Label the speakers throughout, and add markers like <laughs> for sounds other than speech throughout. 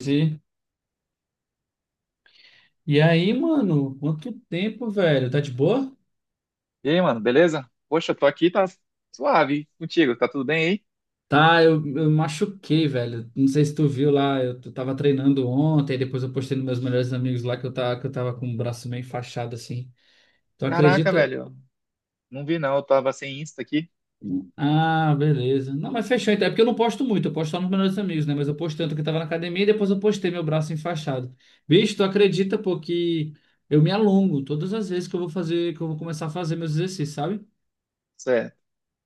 Speaker 1: E e aí, mano, quanto tempo, velho? Tá de boa?
Speaker 2: E aí, mano, beleza? Poxa, eu tô aqui, tá suave hein? Contigo, tá tudo bem aí?
Speaker 1: Tá, eu machuquei, velho. Não sei se tu viu lá, eu tava treinando ontem, depois eu postei nos meus melhores amigos lá que eu tava com o braço meio enfaixado assim. Tu
Speaker 2: Caraca,
Speaker 1: acredita?
Speaker 2: velho, não vi não, eu tava sem Insta aqui.
Speaker 1: Ah, beleza. Não, mas fechou então. É porque eu não posto muito, eu posto só nos melhores amigos, né? Mas eu postei tanto que eu tava na academia e depois eu postei meu braço enfaixado. Bicho, tu acredita, pô, que eu me alongo todas as vezes que eu vou fazer, que eu vou começar a fazer meus exercícios, sabe?
Speaker 2: Cê-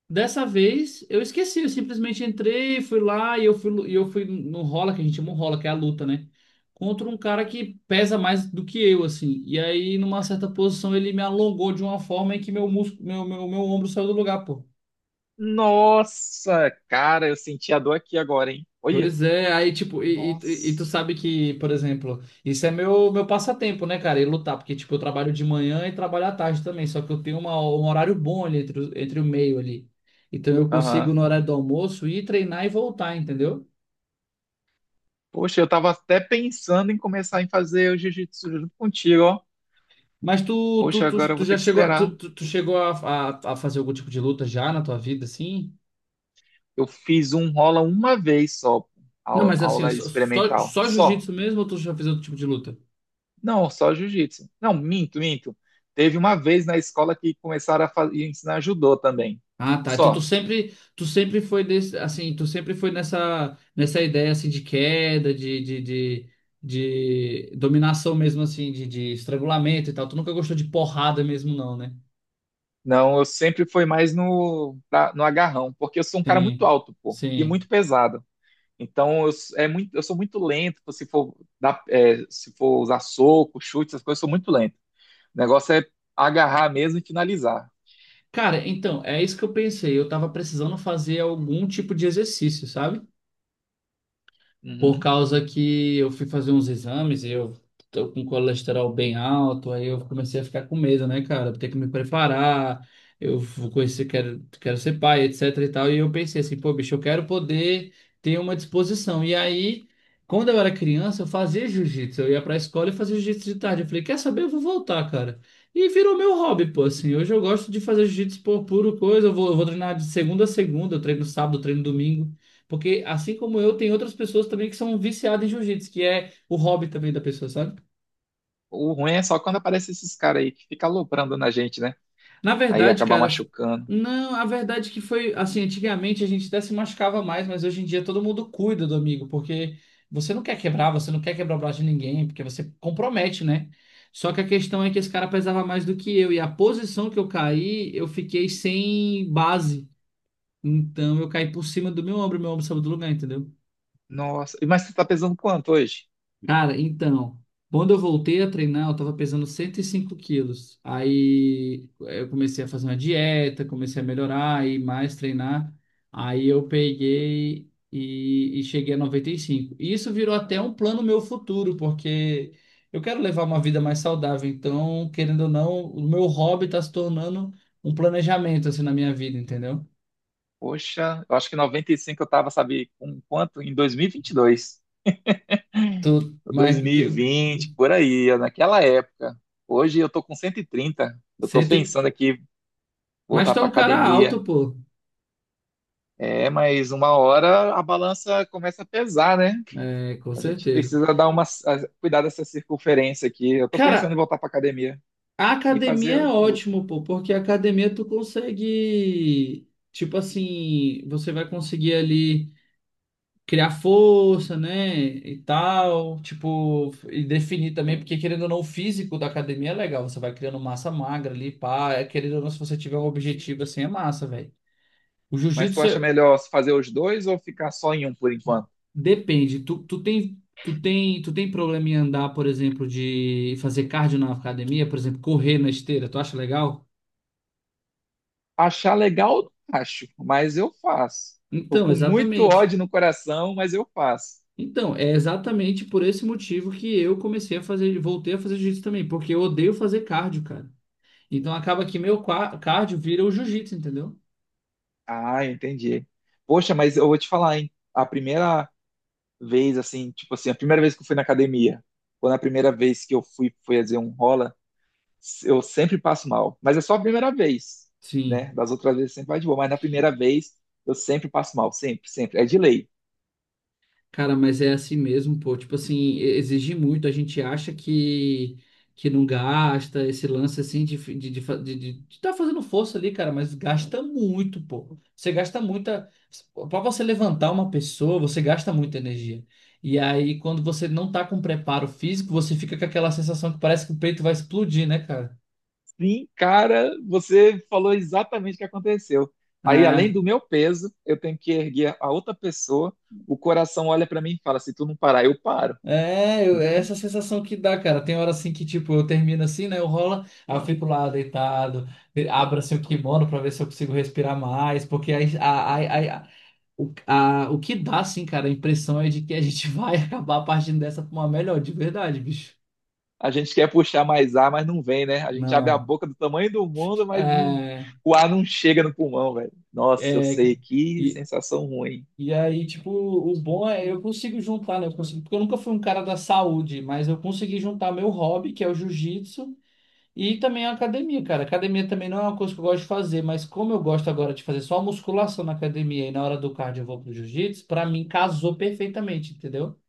Speaker 1: Dessa vez eu esqueci, eu simplesmente entrei, fui lá e eu fui no rola, que a gente chama o rola, que é a luta, né? Contra um cara que pesa mais do que eu, assim. E aí, numa certa posição, ele me alongou de uma forma em que meu músculo, meu ombro saiu do lugar, pô.
Speaker 2: Nossa, cara, eu senti a dor aqui agora, hein? Olha,
Speaker 1: Pois é, aí tipo, e
Speaker 2: nossa.
Speaker 1: tu sabe que, por exemplo, isso é meu passatempo, né, cara? E lutar, porque tipo, eu trabalho de manhã e trabalho à tarde também, só que eu tenho um horário bom ali entre, entre o meio ali. Então eu consigo,
Speaker 2: Aham.
Speaker 1: no horário do almoço, ir treinar e voltar, entendeu?
Speaker 2: Poxa, eu tava até pensando em começar em fazer o jiu-jitsu junto contigo, ó.
Speaker 1: Mas tu, tu,
Speaker 2: Poxa, agora
Speaker 1: tu,
Speaker 2: eu
Speaker 1: tu
Speaker 2: vou
Speaker 1: já
Speaker 2: ter que
Speaker 1: chegou,
Speaker 2: esperar.
Speaker 1: tu, tu, tu chegou a fazer algum tipo de luta já na tua vida, assim?
Speaker 2: Eu fiz um rola uma vez só,
Speaker 1: Não, mas assim,
Speaker 2: aula
Speaker 1: só, só,
Speaker 2: experimental,
Speaker 1: só
Speaker 2: só.
Speaker 1: jiu-jitsu mesmo ou tu já fez outro tipo de luta?
Speaker 2: Não, só jiu-jitsu. Não, minto, minto. Teve uma vez na escola que começaram a ensinar judô também.
Speaker 1: Ah, tá. Então tu
Speaker 2: Só.
Speaker 1: sempre, tu sempre foi desse, assim, tu sempre foi nessa ideia assim de queda, de dominação mesmo assim, de estrangulamento e tal. Tu nunca gostou de porrada mesmo não, né?
Speaker 2: Não, eu sempre fui mais no, no agarrão, porque eu sou um cara muito
Speaker 1: Sim,
Speaker 2: alto, pô, e
Speaker 1: sim.
Speaker 2: muito pesado. Então é muito, eu sou muito lento, pô, se for dar, é, se for usar soco, chute, essas coisas, eu sou muito lento. O negócio é agarrar mesmo e finalizar.
Speaker 1: Cara, então, é isso que eu pensei. Eu tava precisando fazer algum tipo de exercício, sabe? Por
Speaker 2: Uhum.
Speaker 1: causa que eu fui fazer uns exames e eu tô com colesterol bem alto, aí eu comecei a ficar com medo, né, cara? Ter que me preparar, eu vou conhecer, quero ser pai, etc e tal. E eu pensei assim, pô, bicho, eu quero poder ter uma disposição. E aí, quando eu era criança, eu fazia jiu-jitsu. Eu ia pra escola e fazia jiu-jitsu de tarde. Eu falei, quer saber? Eu vou voltar, cara. E virou meu hobby, pô, assim. Hoje eu gosto de fazer jiu-jitsu por puro coisa. Eu vou treinar de segunda a segunda, eu treino sábado, eu treino domingo. Porque assim como eu, tem outras pessoas também que são viciadas em jiu-jitsu, que é o hobby também da pessoa, sabe?
Speaker 2: O ruim é só quando aparece esses caras aí que ficam aloprando na gente, né?
Speaker 1: Na
Speaker 2: Aí
Speaker 1: verdade,
Speaker 2: acabar
Speaker 1: cara,
Speaker 2: machucando.
Speaker 1: não, a verdade é que foi assim, antigamente a gente até se machucava mais, mas hoje em dia todo mundo cuida do amigo, porque você não quer quebrar o braço de ninguém, porque você compromete, né? Só que a questão é que esse cara pesava mais do que eu, e a posição que eu caí, eu fiquei sem base. Então eu caí por cima do meu ombro saiu do lugar, entendeu?
Speaker 2: Nossa, e mas você tá pesando quanto hoje?
Speaker 1: Cara, então, quando eu voltei a treinar, eu tava pesando 105 quilos. Aí eu comecei a fazer uma dieta, comecei a melhorar e mais treinar. Aí eu peguei e cheguei a 95. E cinco. E isso virou até um plano meu futuro, porque eu quero levar uma vida mais saudável. Então, querendo ou não, o meu hobby tá se tornando um planejamento assim na minha vida, entendeu?
Speaker 2: Poxa, eu acho que 95 eu tava, sabe, com quanto? Em 2022.
Speaker 1: Tô, mas
Speaker 2: 2020, por aí, naquela época. Hoje eu tô com 130. Eu tô
Speaker 1: cento e-
Speaker 2: pensando aqui
Speaker 1: mas
Speaker 2: voltar
Speaker 1: tá
Speaker 2: pra
Speaker 1: um cara
Speaker 2: academia.
Speaker 1: alto, pô.
Speaker 2: É, mas uma hora a balança começa a pesar, né?
Speaker 1: É, com
Speaker 2: A gente
Speaker 1: certeza.
Speaker 2: precisa dar uma cuidar dessa circunferência aqui. Eu tô pensando
Speaker 1: Cara,
Speaker 2: em voltar pra academia
Speaker 1: a
Speaker 2: e
Speaker 1: academia é
Speaker 2: fazer luta.
Speaker 1: ótimo, pô, porque a academia tu consegue, tipo assim, você vai conseguir ali criar força, né, e tal, tipo, e definir também, porque querendo ou não, o físico da academia é legal, você vai criando massa magra ali, pá, é, querendo ou não, se você tiver um objetivo assim, é massa, velho. O
Speaker 2: Mas tu
Speaker 1: jiu-jitsu
Speaker 2: acha
Speaker 1: é-
Speaker 2: melhor fazer os dois ou ficar só em um por enquanto?
Speaker 1: depende, tu tem problema em andar, por exemplo, de fazer cardio na academia, por exemplo, correr na esteira, tu acha legal?
Speaker 2: Achar legal, eu não acho, mas eu faço. Tô
Speaker 1: Então,
Speaker 2: com muito
Speaker 1: exatamente.
Speaker 2: ódio no coração, mas eu faço.
Speaker 1: Então, é exatamente por esse motivo que eu comecei a fazer, voltei a fazer jiu-jitsu também, porque eu odeio fazer cardio, cara. Então acaba que meu cardio vira o jiu-jitsu, entendeu?
Speaker 2: Ah, entendi. Poxa, mas eu vou te falar, hein? A primeira vez, assim, tipo assim, a primeira vez que eu fui na academia, quando a primeira vez que eu fui, foi fazer um rola, eu sempre passo mal. Mas é só a primeira vez,
Speaker 1: Sim.
Speaker 2: né? Das outras vezes sempre vai de boa, mas na primeira vez eu sempre passo mal, sempre, sempre. É de lei.
Speaker 1: Cara, mas é assim mesmo, pô. Tipo assim, exige muito. A gente acha que não gasta esse lance assim de estar de, fa- de tá fazendo força ali, cara, mas gasta muito, pô. Você gasta muita. Pra você levantar uma pessoa, você gasta muita energia. E aí, quando você não tá com preparo físico, você fica com aquela sensação que parece que o peito vai explodir, né, cara?
Speaker 2: Sim, cara, você falou exatamente o que aconteceu. Aí, além do meu peso, eu tenho que erguer a outra pessoa. O coração olha para mim e fala: se tu não parar, eu paro.
Speaker 1: É, é essa sensação que dá, cara. Tem hora assim que, tipo, eu termino assim, né? Eu rolo, aí eu fico lá deitado, abro assim o kimono pra ver se eu consigo respirar mais, porque aí, a, a- o que dá, assim, cara, a impressão é de que a gente <laughs> vai acabar partindo dessa pra uma melhor, de verdade, bicho.
Speaker 2: A gente quer puxar mais ar, mas não vem, né? A gente abre a
Speaker 1: Não.
Speaker 2: boca do tamanho do mundo, mas não,
Speaker 1: É,
Speaker 2: o ar não chega no pulmão, velho. Nossa, eu
Speaker 1: é,
Speaker 2: sei
Speaker 1: cara.
Speaker 2: que
Speaker 1: E,
Speaker 2: sensação ruim.
Speaker 1: e aí, tipo, o bom é eu consigo juntar, né? Eu consigo, porque eu nunca fui um cara da saúde, mas eu consegui juntar meu hobby, que é o jiu-jitsu. E também a academia, cara. Academia também não é uma coisa que eu gosto de fazer, mas como eu gosto agora de fazer só musculação na academia e na hora do cardio eu vou pro jiu-jitsu, pra mim casou perfeitamente, entendeu?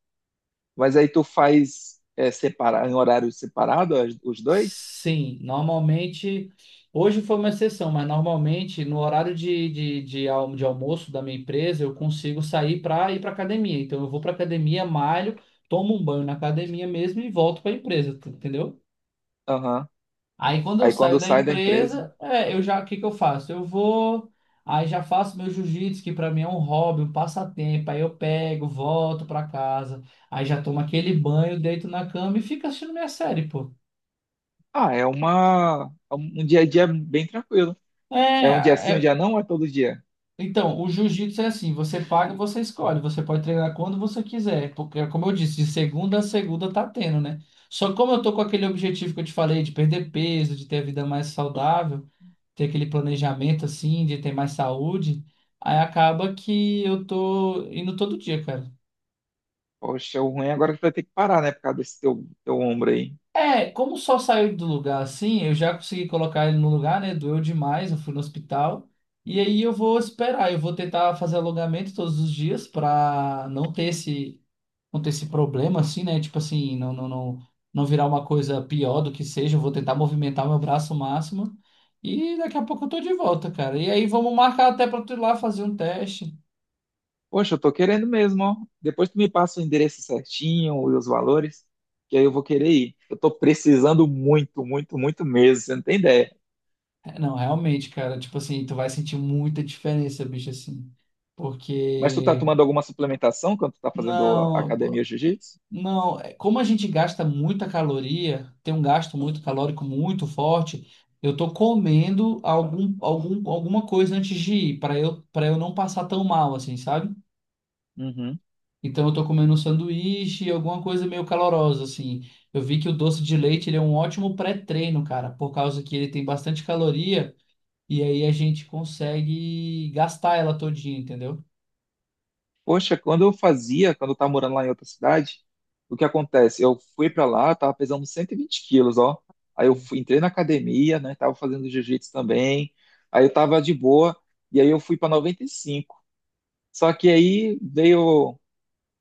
Speaker 2: Mas aí tu faz é, separar, em horário separado os dois?
Speaker 1: Sim, normalmente. Hoje foi uma exceção, mas normalmente no horário de almoço da minha empresa eu consigo sair para ir para academia. Então eu vou para academia, malho, tomo um banho na academia mesmo e volto para a empresa, entendeu?
Speaker 2: Aham.
Speaker 1: Aí quando eu
Speaker 2: Aí
Speaker 1: saio
Speaker 2: quando
Speaker 1: da
Speaker 2: sai da empresa.
Speaker 1: empresa, é, eu já, o que que eu faço? Aí já faço meu jiu-jitsu, que para mim é um hobby, um passatempo. Aí eu pego, volto para casa, aí já tomo aquele banho, deito na cama e fico assistindo minha série, pô.
Speaker 2: Ah, é uma, um dia a dia bem tranquilo. É um dia
Speaker 1: É,
Speaker 2: sim, um
Speaker 1: é-
Speaker 2: dia não, ou é todo dia?
Speaker 1: então, o jiu-jitsu é assim, você paga, você escolhe, você pode treinar quando você quiser, porque é como eu disse, de segunda a segunda tá tendo, né? Só que como eu tô com aquele objetivo que eu te falei de perder peso, de ter a vida mais saudável, ter aquele planejamento assim de ter mais saúde, aí acaba que eu tô indo todo dia, cara.
Speaker 2: Poxa, o ruim agora é que tu vai ter que parar, né, por causa desse teu ombro aí.
Speaker 1: É, como só saiu do lugar assim, eu já consegui colocar ele no lugar, né? Doeu demais, eu fui no hospital. E aí eu vou esperar, eu vou tentar fazer alongamento todos os dias pra não ter esse problema assim, né? Tipo assim, não, não, não, não virar uma coisa pior do que seja. Eu vou tentar movimentar meu braço o máximo. E daqui a pouco eu tô de volta, cara. E aí vamos marcar até pra tu ir lá fazer um teste.
Speaker 2: Poxa, eu tô querendo mesmo, ó. Depois tu me passa o endereço certinho e os valores, que aí eu vou querer ir. Eu tô precisando muito, muito, muito mesmo, você não tem ideia.
Speaker 1: É, não, realmente, cara, tipo assim, tu vai sentir muita diferença, bicho, assim.
Speaker 2: Mas tu tá
Speaker 1: Porque,
Speaker 2: tomando alguma suplementação quando tu tá fazendo
Speaker 1: não, pô,
Speaker 2: academia jiu-jitsu?
Speaker 1: não, é, como a gente gasta muita caloria, tem um gasto muito calórico muito forte, eu tô comendo alguma coisa antes de ir, para eu não passar tão mal, assim, sabe?
Speaker 2: Uhum.
Speaker 1: Então eu tô comendo um sanduíche, alguma coisa meio calorosa, assim. Eu vi que o doce de leite, ele é um ótimo pré-treino, cara, por causa que ele tem bastante caloria. E aí a gente consegue gastar ela todinha, entendeu?
Speaker 2: Poxa, quando eu fazia, quando eu tava morando lá em outra cidade, o que acontece? Eu fui pra lá, tava pesando 120 quilos, ó. Aí eu fui, entrei na academia, né? Tava fazendo jiu-jitsu também. Aí eu tava de boa, e aí eu fui pra 95. Só que aí veio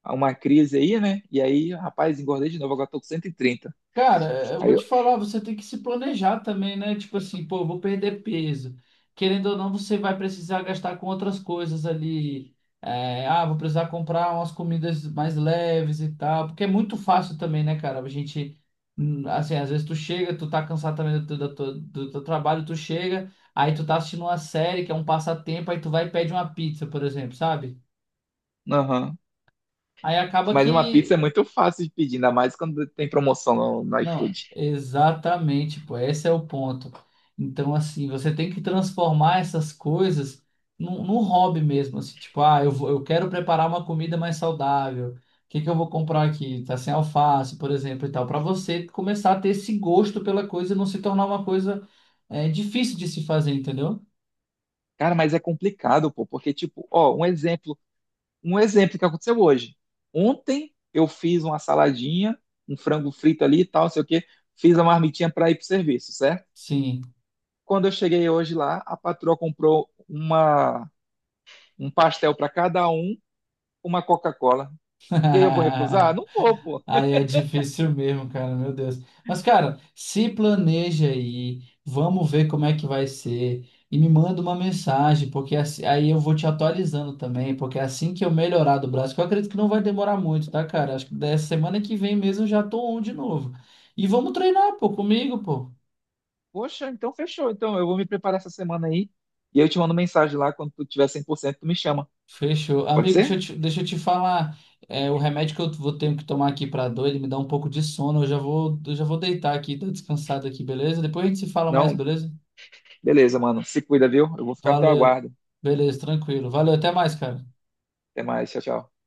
Speaker 2: uma crise aí, né? E aí, rapaz, engordei de novo, agora tô com 130.
Speaker 1: Cara, eu vou
Speaker 2: Aí eu,
Speaker 1: te falar, você tem que se planejar também, né? Tipo assim, pô, eu vou perder peso. Querendo ou não, você vai precisar gastar com outras coisas ali. É, ah, vou precisar comprar umas comidas mais leves e tal. Porque é muito fácil também, né, cara? A gente, assim, às vezes tu chega, tu tá cansado também do teu trabalho, tu chega, aí tu tá assistindo uma série que é um passatempo, aí tu vai e pede uma pizza, por exemplo, sabe?
Speaker 2: aham.
Speaker 1: Aí acaba
Speaker 2: Mas uma pizza é
Speaker 1: que.
Speaker 2: muito fácil de pedir, ainda mais quando tem promoção no
Speaker 1: Não,
Speaker 2: iFood.
Speaker 1: exatamente, pô, esse é o ponto. Então, assim, você tem que transformar essas coisas num hobby mesmo, assim, tipo, ah, eu quero preparar uma comida mais saudável. O que que eu vou comprar aqui? Tá sem alface, por exemplo, e tal, para você começar a ter esse gosto pela coisa e não se tornar uma coisa difícil de se fazer, entendeu?
Speaker 2: Cara, mas é complicado, pô, porque, tipo, ó, um exemplo que aconteceu hoje. Ontem eu fiz uma saladinha, um frango frito ali e tal, não sei o quê, fiz a marmitinha para ir pro serviço, certo?
Speaker 1: Sim.
Speaker 2: Quando eu cheguei hoje lá, a patroa comprou uma, um pastel para cada um, uma Coca-Cola. E aí eu vou recusar?
Speaker 1: <laughs>
Speaker 2: Não vou, pô.
Speaker 1: Aí é difícil mesmo, cara, meu Deus. Mas, cara, se planeja aí, vamos ver como é que vai ser. E me manda uma mensagem, porque aí eu vou te atualizando também, porque é assim que eu melhorar do braço, que eu acredito que não vai demorar muito, tá, cara? Acho que da semana que vem mesmo eu já tô on de novo. E vamos treinar, pô, comigo, pô.
Speaker 2: Poxa, então fechou. Então eu vou me preparar essa semana aí e eu te mando mensagem lá quando tu tiver 100%, tu me chama.
Speaker 1: Fechou.
Speaker 2: Pode
Speaker 1: Amigo, deixa
Speaker 2: ser?
Speaker 1: eu te, deixa eu te falar. É, o remédio que eu vou ter que tomar aqui pra dor, ele me dá um pouco de sono. Eu já vou deitar aqui, tô descansado aqui, beleza? Depois a gente se fala mais,
Speaker 2: Não?
Speaker 1: beleza?
Speaker 2: Beleza, mano. Se cuida, viu? Eu vou ficar no teu
Speaker 1: Valeu.
Speaker 2: aguardo.
Speaker 1: Beleza, tranquilo. Valeu, até mais, cara.
Speaker 2: Até mais. Tchau, tchau.